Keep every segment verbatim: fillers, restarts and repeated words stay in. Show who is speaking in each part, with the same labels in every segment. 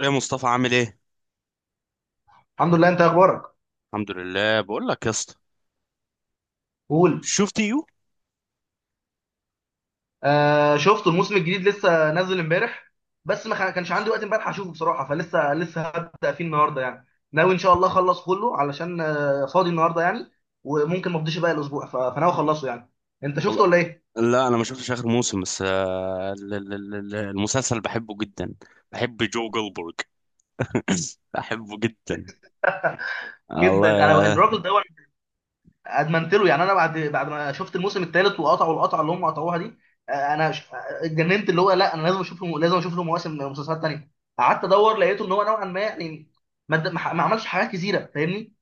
Speaker 1: ايه مصطفى عامل ايه؟
Speaker 2: الحمد لله، انت اخبارك؟
Speaker 1: الحمد لله، بقول لك يا اسطى،
Speaker 2: قول.
Speaker 1: شفت يو؟
Speaker 2: آه، شفته. الموسم الجديد لسه نازل امبارح. بس ما خ- كانش عندي وقت امبارح اشوفه بصراحه، فلسه لسه هبدا فيه النهارده يعني. ناوي ان شاء الله اخلص كله علشان آه فاضي النهارده يعني. وممكن ما افضيش باقي الاسبوع، ف- فناوي اخلصه يعني. انت شفته
Speaker 1: والله،
Speaker 2: ولا ايه؟
Speaker 1: لا انا ما شفتش اخر موسم، بس آه، ال- ال- ال- ال- المسلسل بحبه جدا. بحب جو جولدبرج. بحبه جدا.
Speaker 2: جدا. انا بقى-
Speaker 1: الله.
Speaker 2: الراجل ده أنا، ادمنت له يعني. انا بعد بعد ما شفت الموسم الثالث وقطعوا القطعه اللي هم قطعوها دي. آه، انا ش- آه، اتجننت، اللي هو لا، انا لازم اشوف له، لازم اشوف له مواسم مسلسلات تانيه. قعدت ادور، لقيته ان هو نوعا ما يعني، ما ما عملش حاجات كثيره، فاهمني؟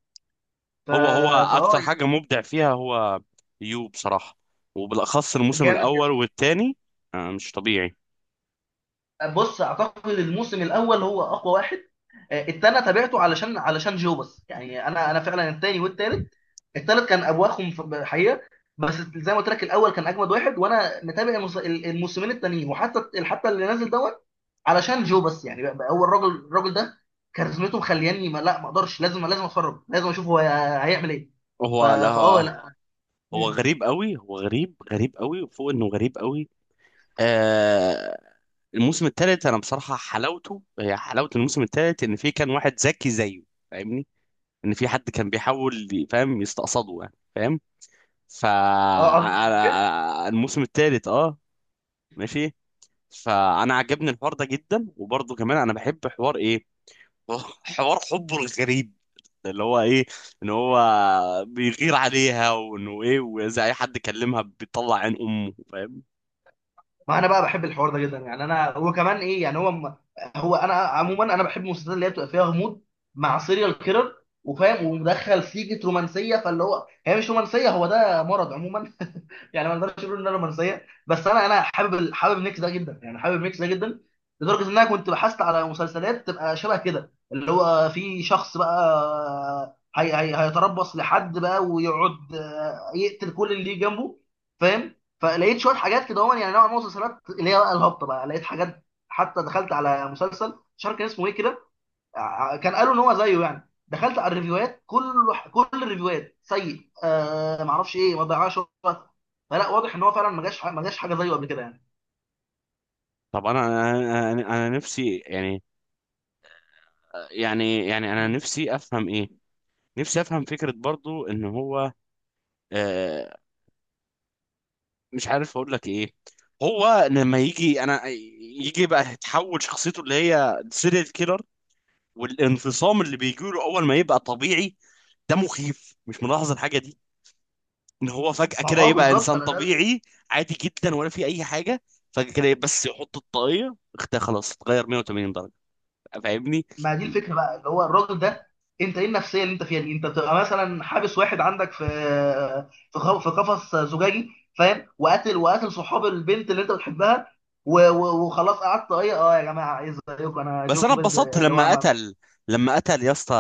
Speaker 2: ف...
Speaker 1: هو هو
Speaker 2: فاه
Speaker 1: اكتر حاجه مبدع فيها هو، يو، بصراحه. وبالاخص الموسم
Speaker 2: جامد
Speaker 1: الاول
Speaker 2: جدا.
Speaker 1: والثاني، مش طبيعي.
Speaker 2: بص، اعتقد الموسم الاول هو اقوى واحد. آه، التاني تابعته علشان علشان جو بس يعني، انا انا فعلا التاني والتالت. التالت كان ابواخهم في- حقيقه. بس زي ما قلت لك، الاول كان اجمد واحد، وانا متابع المس- الموسمين التانيين، وحتى حتى اللي نازل دوت، علشان جو بس يعني. بقى بقى هو الراجل الراجل ده، كاريزمته مخلياني ما لا ما اقدرش، لازم لازم اتفرج، لازم اشوف هو هيعمل ايه. ف...
Speaker 1: هو لا.
Speaker 2: فاه لا.
Speaker 1: هو
Speaker 2: مم.
Speaker 1: غريب قوي، هو غريب غريب قوي، وفوق انه غريب قوي. آه الموسم الثالث، انا بصراحه حلاوته هي حلاوه الموسم الثالث، ان في كان واحد ذكي زيه. فاهمني؟ ان في حد كان بيحاول ي- فاهم، يستقصده يعني، فاهم؟ ف
Speaker 2: اه،
Speaker 1: أنا- الموسم الثالث، اه، ماشي. فانا عجبني الحوار ده جدا، وبرضه كمان انا بحب حوار ايه، حوار حبه الغريب، اللي هو ايه، ان هو بيغير عليها، وانه ايه، واذا اي حد كلمها بيطلع عين امه، فاهم؟
Speaker 2: ما انا بقى بحب الحوار ده جدا يعني، انا وكمان ايه يعني هو. هو انا عموما، انا بحب المسلسلات اللي هي بتبقى فيها غموض، مع سيريال كيرر، وفاهم، ومدخل سيجة رومانسيه، فاللي هو هي مش رومانسيه، هو ده مرض عموما يعني ما نقدرش نقول انها رومانسيه، بس انا انا حابب ال- حابب الميكس ده جدا يعني، حابب الميكس ده جدا. لدرجه ان انا كنت بحثت على مسلسلات تبقى شبه كده، اللي هو في شخص بقى هي هي هيتربص لحد بقى، ويقعد آه، يقتل كل اللي جنبه، فاهم؟ فلقيت شويه حاجات كده هون، يعني نوع من المسلسلات اللي هي بقى الهبطه، بقى لقيت حاجات، حتى دخلت على مسلسل مش عارف كان اسمه ايه كده. ع- كان قالوا ان هو زيه يعني، دخلت على الريفيوهات، كل كل الريفيوهات سيء، آه ما اعرفش ايه، ما ضيعش وقت. فلا، واضح ان هو فعلا ما جاش ح- ما جاش حاجه زيه قبل كده يعني.
Speaker 1: طب انا انا انا أنا نفسي يعني، يعني يعني انا نفسي افهم ايه، نفسي افهم فكرة برضو ان هو، آه مش عارف اقول لك ايه. هو لما يجي، انا يجي بقى يتحول شخصيته اللي هي سيريال كيلر، والانفصام اللي بيجي له اول ما يبقى طبيعي. ده مخيف، مش ملاحظ الحاجة دي؟ ان هو فجأة
Speaker 2: ما
Speaker 1: كده
Speaker 2: هو اه
Speaker 1: يبقى
Speaker 2: بالظبط،
Speaker 1: انسان
Speaker 2: انا ده.
Speaker 1: طبيعي، عادي جدا، ولا في اي حاجة. فجأة كده بس يحط الطاقية اختها، خلاص اتغير مئة وثمانين درجة. فاهمني؟
Speaker 2: ما دي الفكره بقى، اللي هو الراجل ده. انت ايه النفسيه اللي انت فيها دي؟ انت بتبقى مثلا حابس واحد عندك في، في خ- في قفص زجاجي، فاهم؟ وقاتل وقاتل صحاب البنت اللي انت بتحبها، و- و- وخلاص، قعدت ايه اه يا جماعه ايه زيكم، انا
Speaker 1: بس
Speaker 2: جو
Speaker 1: انا
Speaker 2: بيلد
Speaker 1: اتبسطت
Speaker 2: اللي هو
Speaker 1: لما
Speaker 2: ما-
Speaker 1: قتل، لما قتل يا اسطى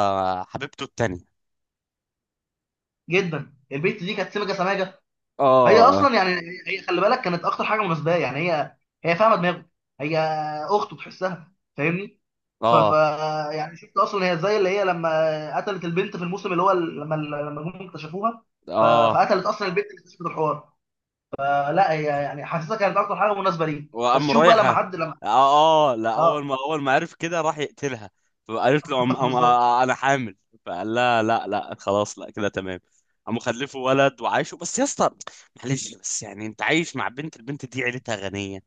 Speaker 1: حبيبته التانية.
Speaker 2: جدا. البنت دي كانت سمجه سماجه هي
Speaker 1: اه،
Speaker 2: اصلا يعني، هي خلي بالك كانت اكتر حاجه مناسبه يعني هي، هي فاهمه دماغه، هي اخته تحسها، فاهمني؟ ف... ف
Speaker 1: اه،
Speaker 2: يعني شفت اصلا هي، زي اللي هي لما قتلت البنت في الموسم اللي هو ال- لما ال- لما هم اكتشفوها. ف...
Speaker 1: اه،
Speaker 2: فقتلت اصلا البنت اللي اكتشفت الحوار. فلا، هي يعني حاسسها كانت اكتر حاجه مناسبه ليه. بس
Speaker 1: وقام
Speaker 2: شوف بقى لما
Speaker 1: رايحة.
Speaker 2: حد لما،
Speaker 1: اه، اه، لا، اول
Speaker 2: اه
Speaker 1: ما اول ما عرف كده راح يقتلها. فقالت له، أم أم
Speaker 2: بالظبط.
Speaker 1: آه، آه، انا حامل. فقال لها، لا لا خلاص، لا كده تمام. قام خلفه ولد وعايشه، بس يا اسطى، معلش، بس يعني، انت عايش مع بنت البنت دي، عيلتها غنية،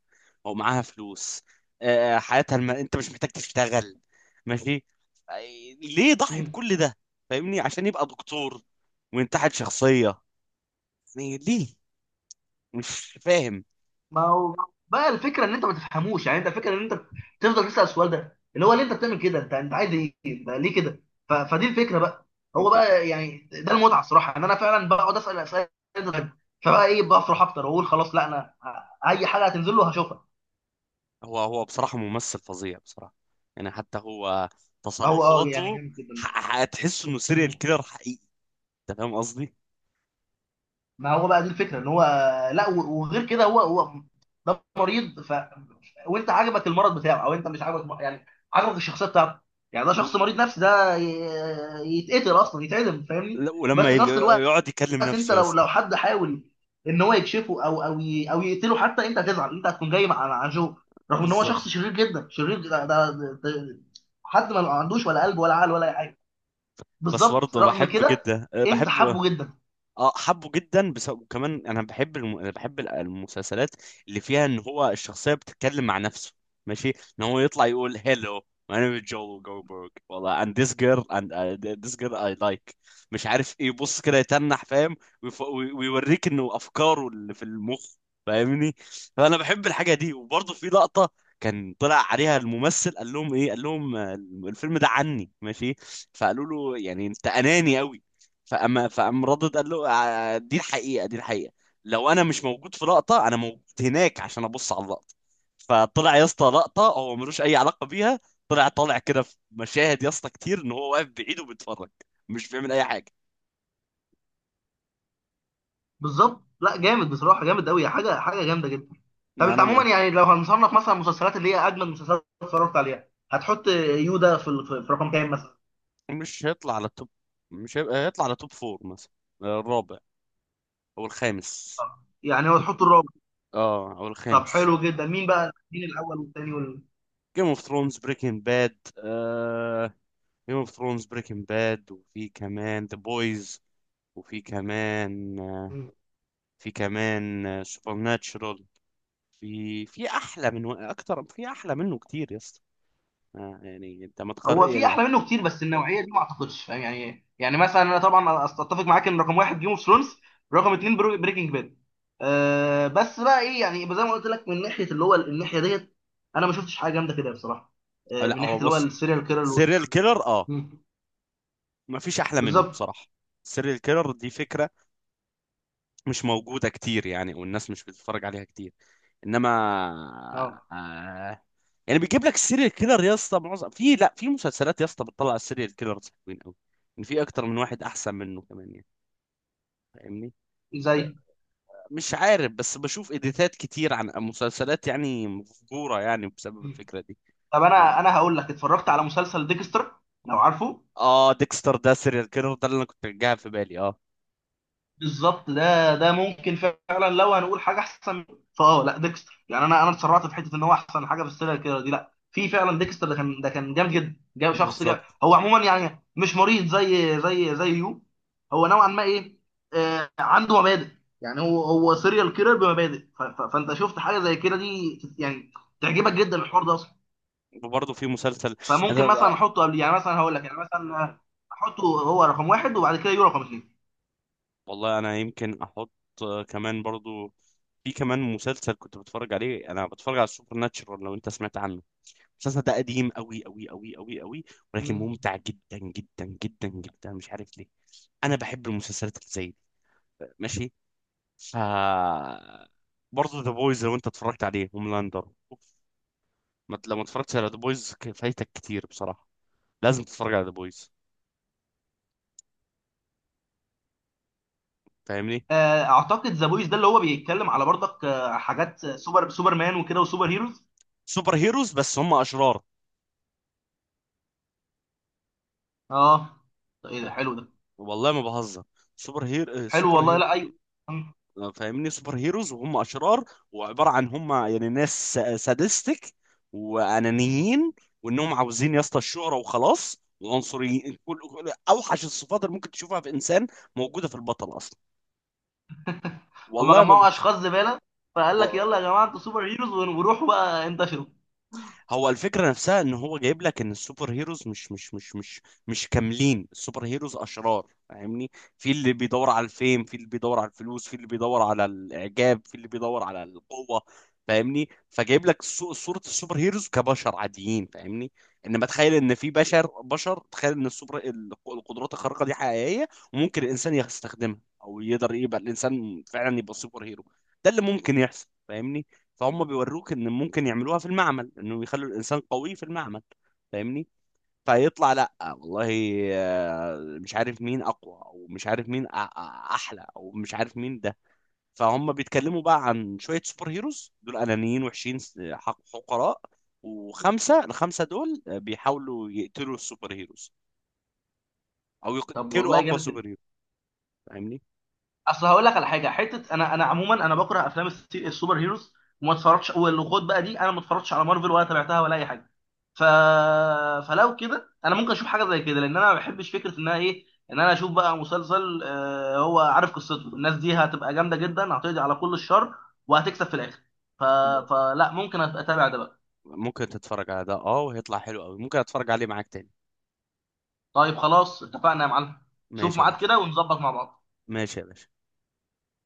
Speaker 1: ومعاها فلوس. آه، آه، حياتها الم... انت مش محتاج تشتغل، ماشي. آه، ليه ضحي بكل ده؟ فاهمني؟ عشان يبقى دكتور وينتحل شخصية، يعني ليه؟ مش فاهم.
Speaker 2: ما هو بقى الفكره ان انت ما تفهموش يعني، انت الفكره ان انت تفضل تسال السؤال ده، اللي هو ليه انت بتعمل كده، انت انت عايز ايه؟ ده ليه كده؟ ف... فدي الفكره بقى. هو بقى يعني ده المتعه الصراحه، ان انا فعلا بقعد اسال اسئله غريبة. فبقى ايه، بفرح اكتر واقول خلاص لا انا، اي حاجه هتنزل له هشوفها.
Speaker 1: هو هو بصراحة ممثل فظيع بصراحة. يعني حتى هو،
Speaker 2: هو اه يعني
Speaker 1: تصرفاته،
Speaker 2: جامد جدا
Speaker 1: ح- هتحس انه سيريال
Speaker 2: بصراحه.
Speaker 1: كيلر حقيقي. انت فاهم قصدي؟
Speaker 2: ما هو بقى دي الفكره ان هو، لا، و- وغير كده هو هو ده مريض. ف وانت عجبك المرض بتاعه، او انت مش عجبك يعني، عجبك الشخصيه بتاعته؟ يعني ده
Speaker 1: و...
Speaker 2: شخص مريض نفسي، ده ي- يتقتل اصلا، يتعدم، فاهمني؟
Speaker 1: لا،
Speaker 2: بس
Speaker 1: ولما
Speaker 2: في
Speaker 1: يبي-
Speaker 2: نفس الوقت،
Speaker 1: يقعد يكلم
Speaker 2: انت
Speaker 1: نفسه يا
Speaker 2: لو
Speaker 1: اسطى،
Speaker 2: لو حد حاول ان هو يكشفه او او ي- او يقتله حتى، انت هتزعل، انت هتكون جاي مع مع جو، رغم ان هو
Speaker 1: بالظبط.
Speaker 2: شخص شرير جدا، شرير ده, ده, ده, ده، حد ما عندوش ولا قلب ولا عقل ولا اي حاجه،
Speaker 1: بس
Speaker 2: بالظبط
Speaker 1: برضه
Speaker 2: رغم
Speaker 1: بحب
Speaker 2: كده.
Speaker 1: جدا،
Speaker 2: انت
Speaker 1: بحب.
Speaker 2: حبه جدا،
Speaker 1: اه، حبه جدا، بس وكمان انا بحب الم... أنا بحب ال- المسلسلات اللي فيها ان هو الشخصيه بتتكلم مع نفسه، ماشي. ان هو يطلع يقول هيلو، my name is Joel Goldberg، والله، and this girl and uh, this girl I like، مش عارف ايه، يبص كده يتنح، فاهم؟ ويف... وي- ويوريك انه افكاره اللي في المخ. فاهمني؟ فانا بحب الحاجه دي. وبرضه في لقطه، كان طلع عليها الممثل، قال لهم ايه قال لهم، آه، الفيلم ده عني، ماشي. فقالوا له، يعني انت اناني قوي. فأما فقام ردد، قال له، "آه، دي الحقيقة، دي الحقيقة، لو أنا مش موجود في لقطة، أنا موجود هناك عشان أبص على اللقطة". فطلع يا اسطى لقطة هو ملوش أي علاقة بيها. طلع طالع كده في مشاهد يا اسطى كتير، إن هو واقف بعيد وبيتفرج، مش بيعمل أي حاجة.
Speaker 2: بالظبط. لا جامد بصراحه، جامد قوي، حاجه حاجه جامده جدا. طب
Speaker 1: لا
Speaker 2: انت
Speaker 1: لا
Speaker 2: عموما
Speaker 1: لا،
Speaker 2: يعني، لو هنصنف مثلا المسلسلات اللي هي اجمد مسلسلات اتفرجت عليها، هتحط يودا في ال- في في رقم كام مثلا؟
Speaker 1: مش هيطلع على التوب، مش هيبقى هيطلع على توب فور مثلا، الرابع أو الخامس.
Speaker 2: يعني هو تحط الرابع؟
Speaker 1: اه، أو
Speaker 2: طب
Speaker 1: الخامس.
Speaker 2: حلو جدا، مين بقى، مين الاول والثاني وال...؟
Speaker 1: جيم اوف ثرونز، بريكنج باد. جيم اوف ثرونز، بريكنج باد، وفي كمان ذا بويز، وفي كمان في كمان سوبر ناتشرال. في في احلى من اكتر في احلى منه كتير يا اسطى، آه، يعني انت ما تقر
Speaker 2: هو في
Speaker 1: يعني.
Speaker 2: احلى منه كتير، بس النوعيه دي ما اعتقدش، فاهم يعني؟ يعني مثلا انا طبعا اتفق معاك ان رقم واحد جيم اوف ثرونز، رقم اتنين بريكنج باد. أه، بس بقى ايه يعني، زي ما قلت لك من ناحيه اللي هو الناحيه ديت، انا ما شفتش حاجه جامده كده بصراحه،
Speaker 1: آه،
Speaker 2: أه،
Speaker 1: لا،
Speaker 2: من
Speaker 1: هو
Speaker 2: ناحيه اللي هو
Speaker 1: بص،
Speaker 2: السيريال كيرل.
Speaker 1: سيريال كيلر، اه، ما فيش احلى منه
Speaker 2: بالظبط.
Speaker 1: بصراحة. السيريال كيلر دي فكرة مش موجودة كتير يعني، والناس مش بتتفرج عليها كتير، انما
Speaker 2: اه،
Speaker 1: آه، يعني بيجيب لك السيريال كيلر يا اسطى، معظم في لا في مسلسلات يا اسطى بتطلع السيريال كيلرز حلوين قوي، ان في اكتر من واحد احسن منه كمان يعني. فاهمني؟
Speaker 2: زي.
Speaker 1: مش عارف، بس بشوف اديتات كتير عن مسلسلات يعني مفجوره يعني بسبب
Speaker 2: مم.
Speaker 1: الفكره دي.
Speaker 2: طب انا
Speaker 1: فاهمني؟
Speaker 2: انا هقول لك، اتفرجت على مسلسل ديكستر، لو عارفه؟
Speaker 1: اه، ديكستر ده سيريال كيلر، ده اللي انا كنت جايبها في بالي، اه،
Speaker 2: بالظبط، ده ده ممكن فعلا لو هنقول حاجه احسن منه. فاه لا ديكستر، يعني انا انا اتسرعت في حته ان هو احسن حاجه في السيريال كيلر دي، لا في فعلا ديكستر ده كان، ده كان جامد جدا، جاب شخص، جاب
Speaker 1: بالظبط.
Speaker 2: هو عموما يعني مش مريض زي زي زي يو، هو نوعا ما ايه، آه عنده مبادئ، يعني هو هو سيريال كيلر بمبادئ. ف- ف- فانت شفت حاجه زي كده دي يعني، تعجبك جدا الحوار ده اصلا.
Speaker 1: وبرضه في مسلسل،
Speaker 2: فممكن مثلا
Speaker 1: أنا...
Speaker 2: احطه قبل يعني، مثلا هقول لك يعني، مثلا احطه هو رقم واحد، وبعد كده يو رقم
Speaker 1: والله انا يمكن احط، آه، كمان برضه، في كمان مسلسل كنت بتفرج عليه، انا بتفرج على السوبر ناتشرال، لو انت سمعت عنه. المسلسل ده قديم قوي قوي قوي قوي قوي، ولكن
Speaker 2: اثنين.
Speaker 1: ممتع جدا جدا جدا جدا. مش عارف ليه، انا بحب المسلسلات اللي زي دي، ماشي. ف برضه ذا بويز، لو انت اتفرجت عليه، هوملاندر أوف. ما- لو ما اتفرجتش على ذا بويز فايتك كتير بصراحه، لازم تتفرج على ذا بويز، فاهمني؟
Speaker 2: آه، اعتقد ذا بويز ده اللي هو بيتكلم على برضك آه، حاجات سوبر سوبرمان وكده وسوبر هيروز.
Speaker 1: سوبر هيروز بس هم اشرار.
Speaker 2: اه. طيب ايه ده، حلو ده.
Speaker 1: والله ما بهزر. سوبر هير آه،
Speaker 2: حلو والله.
Speaker 1: سوبر
Speaker 2: لا، ايوه. مم.
Speaker 1: آه، فاهمني، سوبر هيروز وهم اشرار، وعباره عن هم يعني ناس سادستك، وانانيين، وانهم عاوزين يا اسطى الشهره وخلاص، وعنصريين، كل كل- اوحش الصفات اللي ممكن تشوفها في انسان موجوده في البطل اصلا.
Speaker 2: هما
Speaker 1: والله ما
Speaker 2: جمعوا اشخاص زباله، فقال لك يلا يا
Speaker 1: بص،
Speaker 2: جماعه، انتوا سوبر هيروز ون- وروحوا بقى انتشروا.
Speaker 1: هو الفكرة نفسها ان هو جايب لك ان السوبر هيروز مش مش مش مش مش كاملين، السوبر هيروز اشرار، فاهمني؟ في اللي بيدور على الفيم، في اللي بيدور على الفلوس، في اللي بيدور على الاعجاب، في اللي بيدور على القوة. فاهمني؟ فجايب لك صو- صورة السوبر هيروز كبشر عاديين، فاهمني؟ انما تخيل ان في بشر، بشر تخيل ان السوبر الق- القدرات الخارقة دي حقيقية، وممكن الانسان يستخدمها، او يقدر يبقى الانسان فعلا يبقى سوبر هيرو. ده اللي ممكن يحصل، فاهمني؟ فهم بيوروك ان ممكن يعملوها في المعمل، انه يخلوا الانسان قوي في المعمل، فاهمني؟ فيطلع، لا والله، آه، مش عارف مين اقوى، او مش عارف مين أ- أ- احلى، او مش عارف مين ده. فهم بيتكلموا بقى عن شوية سوبر هيروز دول انانيين، وحشين، س- حق- حقراء. وخمسة الخمسة دول بيحاولوا يقتلوا السوبر هيروز، او
Speaker 2: طب
Speaker 1: يقتلوا
Speaker 2: والله
Speaker 1: اقوى
Speaker 2: جامد جدا.
Speaker 1: سوبر هيرو، فاهمني؟
Speaker 2: اصل هقول لك على حاجه حته، انا انا عموما انا بكره افلام الس- السوبر هيروز، وما اتفرجش، والخد بقى دي انا ما اتفرجتش على مارفل ولا تابعتها ولا اي حاجه. ف فلو كده انا ممكن اشوف حاجه زي كده، لان انا ما بحبش فكره انها ايه، ان انا اشوف بقى مسلسل آه، هو عارف قصته، الناس دي هتبقى جامده جدا، هتقضي على كل الشر وهتكسب في الاخر. ف... فلا ممكن أت- اتابع ده بقى.
Speaker 1: ممكن تتفرج على ده، اه، وهيطلع حلو قوي، ممكن اتفرج عليه معاك تاني.
Speaker 2: طيب خلاص اتفقنا يا معلم، شوف
Speaker 1: ماشي يا
Speaker 2: ميعاد
Speaker 1: باشا.
Speaker 2: كده ونظبط مع بعض.
Speaker 1: ماشي يا باشا.